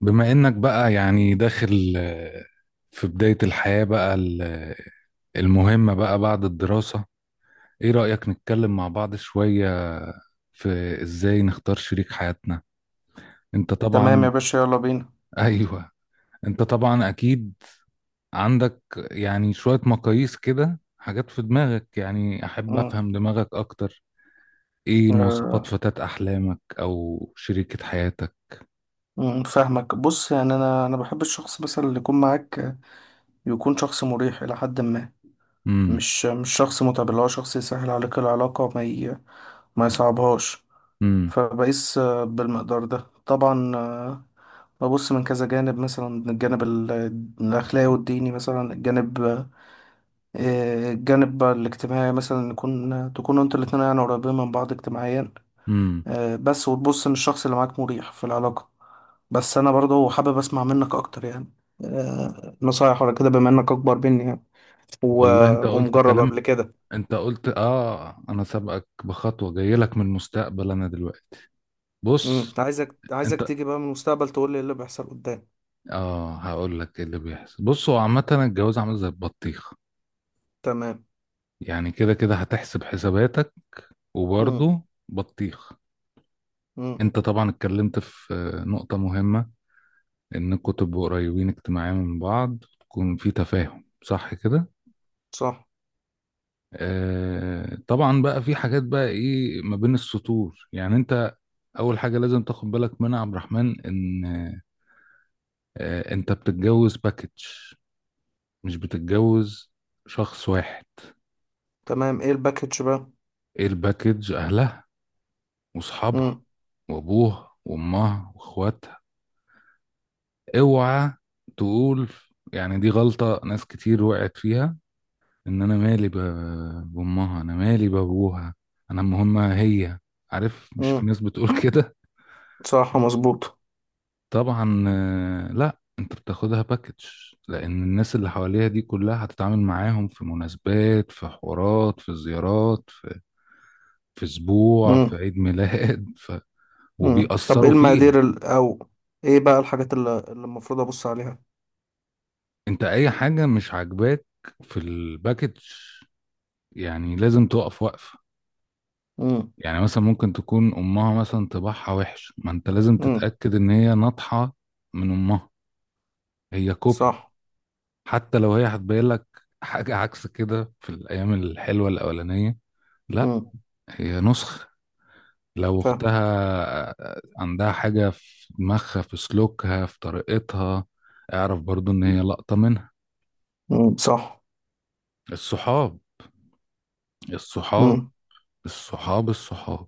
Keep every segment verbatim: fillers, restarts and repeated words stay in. بما انك بقى يعني داخل آه، في بداية الحياة بقى ال- آه، المهمة بقى بعد الدراسة. ايه رأيك نتكلم مع بعض شوية في ازاي نختار شريك حياتنا؟ انت تمام يا طبعا. باشا، يلا بينا. ايوه، انت طبعا اكيد عندك يعني شوية مقاييس كده، حاجات في دماغك. يعني احب مم. افهم دماغك اكتر. ايه مواصفات آه، فتاة احلامك او شريكة حياتك؟ مم، فاهمك. بص يعني انا انا بحب الشخص مثلا اللي يكون معاك يكون شخص مريح الى حد ما، امم. مش مش شخص متعب، اللي هو شخص يسهل عليك العلاقه وما ي... ما يصعبهاش. امم. فبقيس آه، بالمقدار ده طبعا. آه، ببص من كذا جانب، مثلا من الجانب ال- الأخلاقي والديني، مثلا الجانب، آه، الجانب الاجتماعي، مثلا نكون تكونوا انتوا الاتنين يعني قريبين من بعض اجتماعيا. امم. آه، بس وتبص ان الشخص اللي معاك مريح في العلاقة. بس انا برضه حابب اسمع منك اكتر يعني، آه، نصايح ولا كده، بما انك اكبر مني يعني و... والله انت قلت ومجرب كلام. قبل كده. انت قلت اه انا سابقك بخطوه، جاي لك من المستقبل انا دلوقتي. امم، بص. عايزك عايزك انت تيجي بقى من المستقبل تقول لي ايه اللي بيحصل قدام. اه هقول لك ايه اللي بيحصل. بص، هو عامه الجواز عامل زي البطيخ، تمام. يعني كده كده هتحسب حساباتك امم. وبرضه بطيخ. امم انت طبعا اتكلمت في آه، نقطه مهمه، انكم تبقوا قريبين اجتماعيا من بعض، تكون في تفاهم، صح كده. صح. آه طبعا، بقى في حاجات بقى ايه ما بين السطور. يعني انت اول حاجه لازم تاخد بالك منها يا عبد الرحمن، ان آه، انت بتتجوز باكج، مش بتتجوز شخص واحد. تمام، ايه الباكج بقى؟ ايه الباكج؟ اهلها واصحابها امم. وابوها وامها واخواتها. اوعى تقول، يعني دي غلطة ناس كتير وقعت فيها، ان انا مالي ب- بامها، انا مالي بابوها، انا مهمة هي. عارف؟ مش في امم ناس بتقول كده. صح مظبوط. طبعا. آه، لا، انت بتاخدها باكج، لان الناس اللي حواليها دي كلها هتتعامل معاهم، في مناسبات، في حوارات، في زيارات، في اسبوع، في امم. عيد ميلاد، ف... امم طب ايه وبيأثروا فيها. المقادير ال... او ايه بقى الحاجات اللي اللي المفروض ابص عليها. انت اي حاجة مش عاجباك في الباكج يعني لازم تقف وقفة. امم. يعني مثلا ممكن تكون امها مثلا طباعها وحش، ما انت لازم امم تتأكد ان هي ناطحة من امها، هي كوبي. صح. حتى لو هي هتبين لك حاجة عكس كده في الايام الحلوة الاولانية، لا، امم هي نسخ. لو فاهم. اختها عندها حاجة في دماغها، في سلوكها، في طريقتها، اعرف برضو ان هي لقطة منها. امم صح. الصحاب الصحاب امم. الصحاب الصحاب،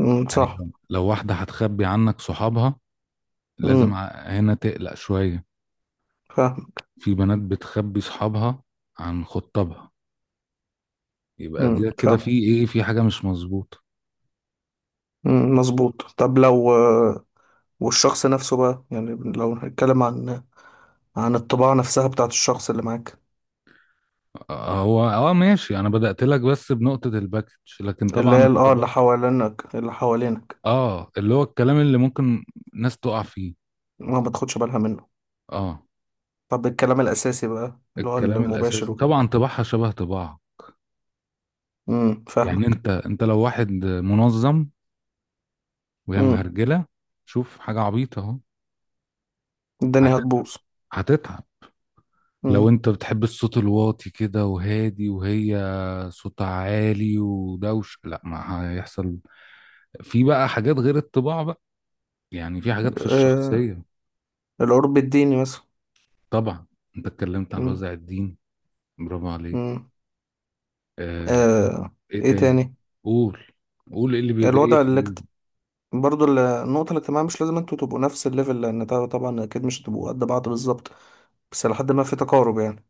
امم يعني صح. لو لو واحدة هتخبي عنك صحابها، لازم امم ع- هنا تقلق شوية. فاهم. في بنات بتخبي صحابها عن خطابها، يبقى امم دي كده فاهم. في ايه، في حاجة مش مظبوطة. امم مظبوط. طب لو آه، والشخص نفسه بقى يعني، لو هنتكلم عن عن الطباع نفسها بتاعت الشخص اللي معاك، هو اه ماشي، انا بدأت لك بس بنقطة الباكج، لكن اللي طبعا هي ال- اه الطباع، اللي حوالينك اللي حوالينك. اه اللي هو الكلام اللي ممكن ناس تقع فيه. ما بتاخدش بالها منه. اه، طب الكلام الأساسي بقى اللي هو الكلام المباشر الاساسي وكده. طبعا، طباعها شبه طباع. امم يعني فاهمك. انت انت لو واحد منظم وهي امم. مهرجله، شوف حاجه عبيطه اهو. الدنيا هتتعب هتبوظ. هتتعب. لو امم. انت بتحب الصوت الواطي كده وهادي، وهي صوتها عالي ودوش، لا، ما هيحصل. في بقى حاجات غير الطباع بقى، يعني في حاجات في آه. الشخصيه. القرب الديني مثلا. طبعا. انت اتكلمت عن امم. وزع الدين، برافو عليك. امم. آه. آه. ايه ايه تاني؟ تاني؟ قول، قول ايه اللي جاي الوضع، في دماغك. برضو ال- النقطة الاجتماعية، مش لازم انتوا تبقوا نفس الليفل، لأن طبعا طبعاً أكيد مش هتبقوا قد بعض بالظبط، بس لحد ما في تقارب يعني.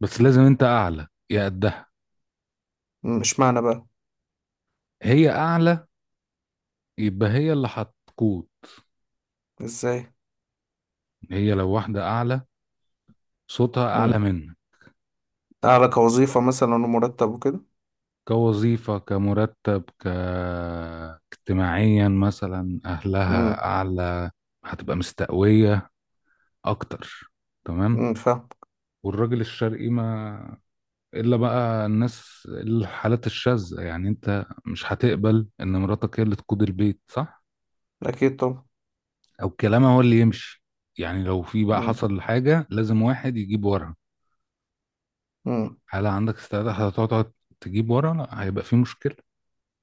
بس لازم انت اعلى يا قدها. مم، مش معنى بقى. هي اعلى يبقى هي اللي هتقود. ازاي؟ هي لو واحدة اعلى، صوتها اعلى مم. منك، أعلى كوظيفة مثلا ومرتب وكده. كوظيفة، كمرتب، ك اجتماعيا مثلا، مم. اهلها اعلى، هتبقى مستقوية اكتر. تمام. مم فاهم. والراجل الشرقي، ما الا بقى الناس الحالات الشاذة، يعني انت مش هتقبل ان مراتك هي اللي تقود البيت، صح؟ أكيد طبعا. او كلامها هو اللي يمشي. يعني لو في بقى مم. حصل حاجة لازم واحد يجيب ورا، مم. هل عندك استعداد هتقعد تجيب ورا؟ لا، هيبقى في مشكلة.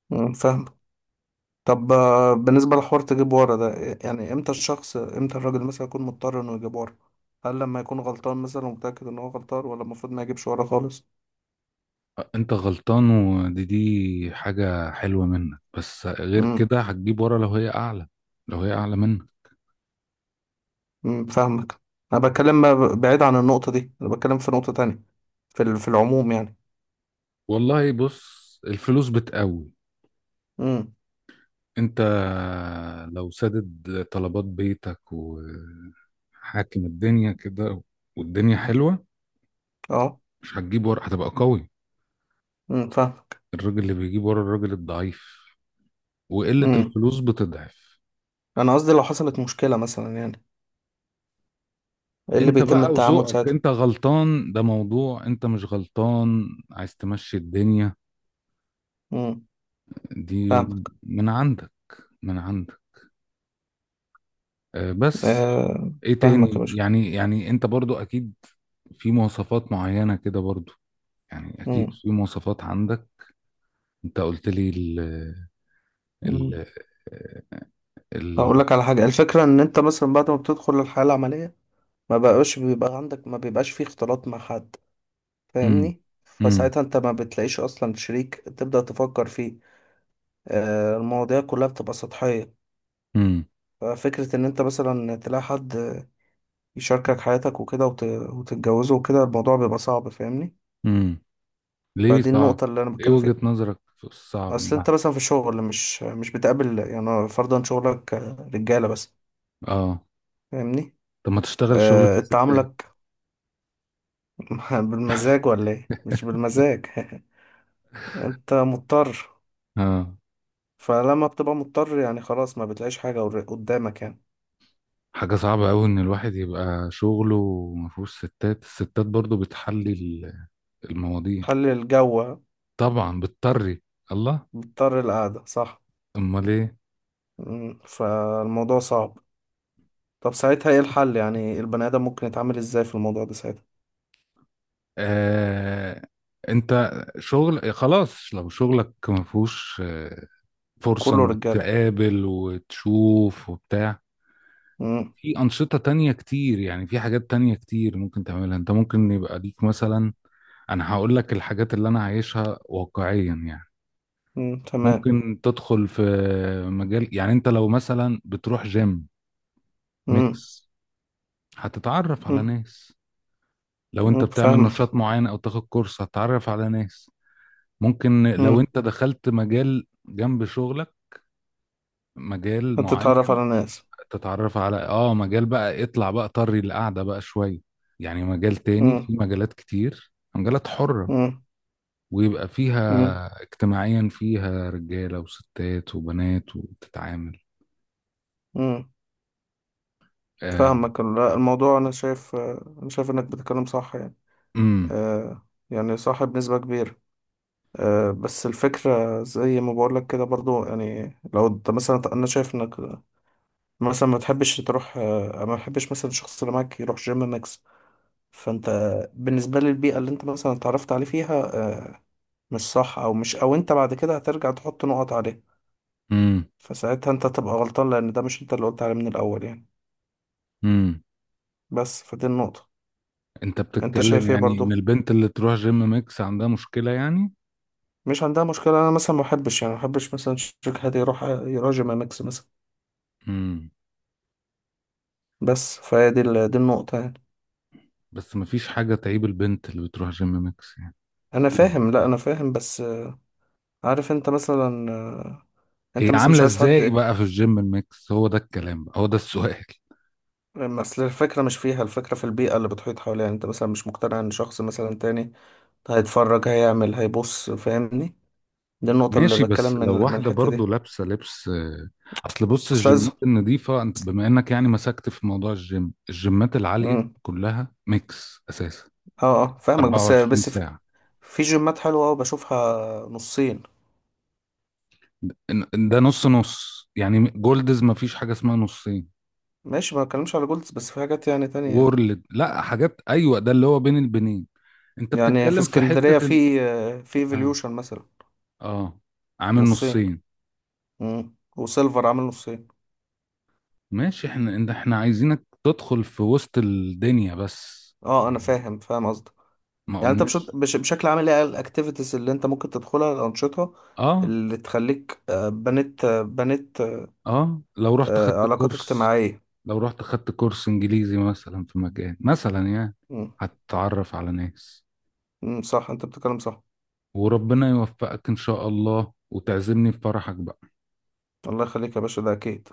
مم فاهم. طب آه، بالنسبة لحوار تجيب ورا ده، يعني امتى الشخص امتى الراجل مثلا يكون مضطر انه يجيب ورا؟ هل لما يكون غلطان مثلا ومتأكد ان هو غلطان، ولا المفروض ما يجيبش ورا خالص؟ انت غلطان، ودي دي حاجة حلوة منك، بس غير كده هتجيب ورا لو هي اعلى، لو هي اعلى منك. مم، فاهمك. انا بتكلم ب- بعيد عن النقطه دي، انا بتكلم في نقطه تانية، في ال- في العموم يعني. والله بص، الفلوس بتقوي. امم. انت لو سدد طلبات بيتك وحاكم الدنيا كده، والدنيا حلوة، اه. مش هتجيب ورا، هتبقى قوي. امم فاهمك. الراجل اللي بيجيب ورا الراجل الضعيف، وقلة امم. الفلوس بتضعف. انا قصدي لو حصلت مشكله مثلا يعني، ايه اللي انت بيتم بقى التعامل وذوقك، ساعتها؟ انت غلطان ده موضوع، انت مش غلطان عايز تمشي الدنيا امم دي، فاهمك. من عندك، من عندك. آه، بس آه ايه فاهمك يا تاني؟ باشا. يعني يعني انت برضو اكيد في مواصفات معينة كده، برضو يعني اكيد امم. في مواصفات عندك. انت قلت لي ال ال امم. ال هقول لك على حاجه. الفكره ان انت مثلا بعد ما بتدخل الحياه العمليه، ما بقاش بيبقى عندك ما بيبقاش فيه اختلاط مع حد، امم. فاهمني؟ امم. فساعتها انت ما بتلاقيش اصلا شريك تبدا تفكر فيه. آه المواضيع كلها بتبقى سطحيه. امم. ففكرة إن أنت مثلا تلاقي حد يشاركك حياتك وكده وت... وتتجوزه وكده، الموضوع بيبقى صعب، فاهمني؟ امم. ليه فدي صعب؟ النقطة اللي أنا ايه بتكلم وجهة فيها. نظرك في الصعب أصل أنت ده؟ مثلا في الشغل مش مش بتقابل يعني، فرضا شغلك رجالة بس، اه. فاهمني. طب ما تشتغل شغل أه... فيه ستات؟ تعاملك بالمزاج ولا إيه؟ مش بالمزاج. أنت مضطر. اه. فلما بتبقى مضطر يعني خلاص ما بتلاقيش حاجة قدامك يعني. حاجة صعبة أوي إن الواحد يبقى شغله ومفهوش ستات، الستات برضو بتحلي ال- المواضيع. خلي الجو. طبعا بتطري. الله. مضطر القعدة، صح؟ أمال إيه. مم، فالموضوع صعب. طب ساعتها ايه الحل يعني؟ البني ادم ممكن يتعامل ازاي في الموضوع ده ساعتها؟ آه... أنت، شغل خلاص. لو شغلك مفهوش آه، فرصة كله إنك رجاله. تقابل وتشوف وبتاع، امم. في أنشطة تانية كتير. يعني في حاجات تانية كتير ممكن تعملها أنت، ممكن يبقى ليك مثلا. أنا هقول لك الحاجات اللي أنا عايشها واقعيا يعني. امم تمام. ممكن تدخل في مجال، يعني انت لو مثلا بتروح جيم امم. ميكس هتتعرف على امم. ناس. لو انت امم بتعمل نشاط فاهمك. معين او تاخد كورس، هتتعرف على ناس. ممكن لو امم. انت دخلت مجال جنب شغلك، مجال معين، هتتعرف على ناس. تتعرف على اه مجال بقى، اطلع بقى طري القعدة بقى شوية. يعني مجال تاني، في امم. مجالات كتير، مجالات حرة، امم. ويبقى امم. فيها اجتماعيا، فيها رجالة وستات وبنات، وتتعامل. امم آه. فاهمك. لا، الموضوع، انا شايف آه، انا شايف انك بتتكلم صح يعني، آه يعني صح بنسبة كبيرة. آه بس الفكرة زي ما بقولك كده برضو، يعني لو انت مثلا، انا شايف انك مثلا ما تحبش تروح آه ما تحبش مثلا الشخص اللي معاك يروح جيم انك. فانت بالنسبة لي البيئة اللي انت مثلا اتعرفت عليه فيها، آه، مش صح، او مش او انت بعد كده هترجع تحط نقط عليه. امم. فساعتها انت تبقى غلطان لان ده مش انت اللي قلت عليه من الاول يعني. امم. بس فدي النقطة. انت انت بتتكلم شايف ايه يعني ان برضو؟ البنت اللي تروح جيم ميكس عندها مشكلة يعني؟ مش عندها مشكلة، انا مثلا ما احبش يعني، ما احبش مثلا شركة هادي يروح يراجع مع ماكس مثلا. امم. بس فهي دي ال- دي النقطة يعني. بس مفيش حاجة تعيب البنت اللي بتروح جيم ميكس يعني. انا إيه؟ فاهم، لا انا فاهم، بس آه، عارف انت مثلا آه، انت هي مثلا مش عاملة عايز حد ازاي ايه. بقى في الجيم الميكس؟ هو ده الكلام بقى، هو ده السؤال. اصل الفكرة مش فيها، الفكرة في البيئة اللي بتحيط حواليها، يعني انت مثلا مش مقتنع ان شخص مثلا تاني هيتفرج هيعمل هيبص، فاهمني؟ دي النقطة اللي ماشي، بتكلم بس من لو من واحدة الحتة برضو دي. لابسة لبس آه، اصل بص، بس لازم. الجيمات النظيفة انت بما انك يعني مسكت في موضوع الجيم، الجيمات العالية امم. كلها ميكس اساسا، اه اه فاهمك، بس 24 بس في, ساعة. في جيمات حلوة أوي بشوفها نصين. ده ده نص نص يعني. جولدز مفيش حاجة اسمها نصين. ماشي ما بتكلمش على جولدز، بس في حاجات يعني تانية، وورلد، لا، حاجات، ايوه، ده اللي هو بين البنين. انت يعني في بتتكلم في اسكندرية حتة ان، في آه، في ها. ايفوليوشن مثلا. اه، عامل نصين. نصين. امم وسيلفر عامل نصين. ماشي، احنا انت احنا عايزينك تدخل في وسط الدنيا بس، اه انا فاهم فاهم قصدك. ما يعني انت بش... قلناش. بش... بشكل عام ايه الاكتيفيتيز اللي انت ممكن تدخلها، الانشطة اه اللي تخليك آه، بنيت آه، بنيت اه لو رحت آه، خدت علاقات كورس، اجتماعية. لو رحت خدت كورس انجليزي مثلا في مكان مثلا يعني، هتتعرف على ناس. امم صح انت بتتكلم صح. وربنا يوفقك ان شاء الله، وتعزمني في فرحك بقى. الله يخليك يا باشا ده اكيد.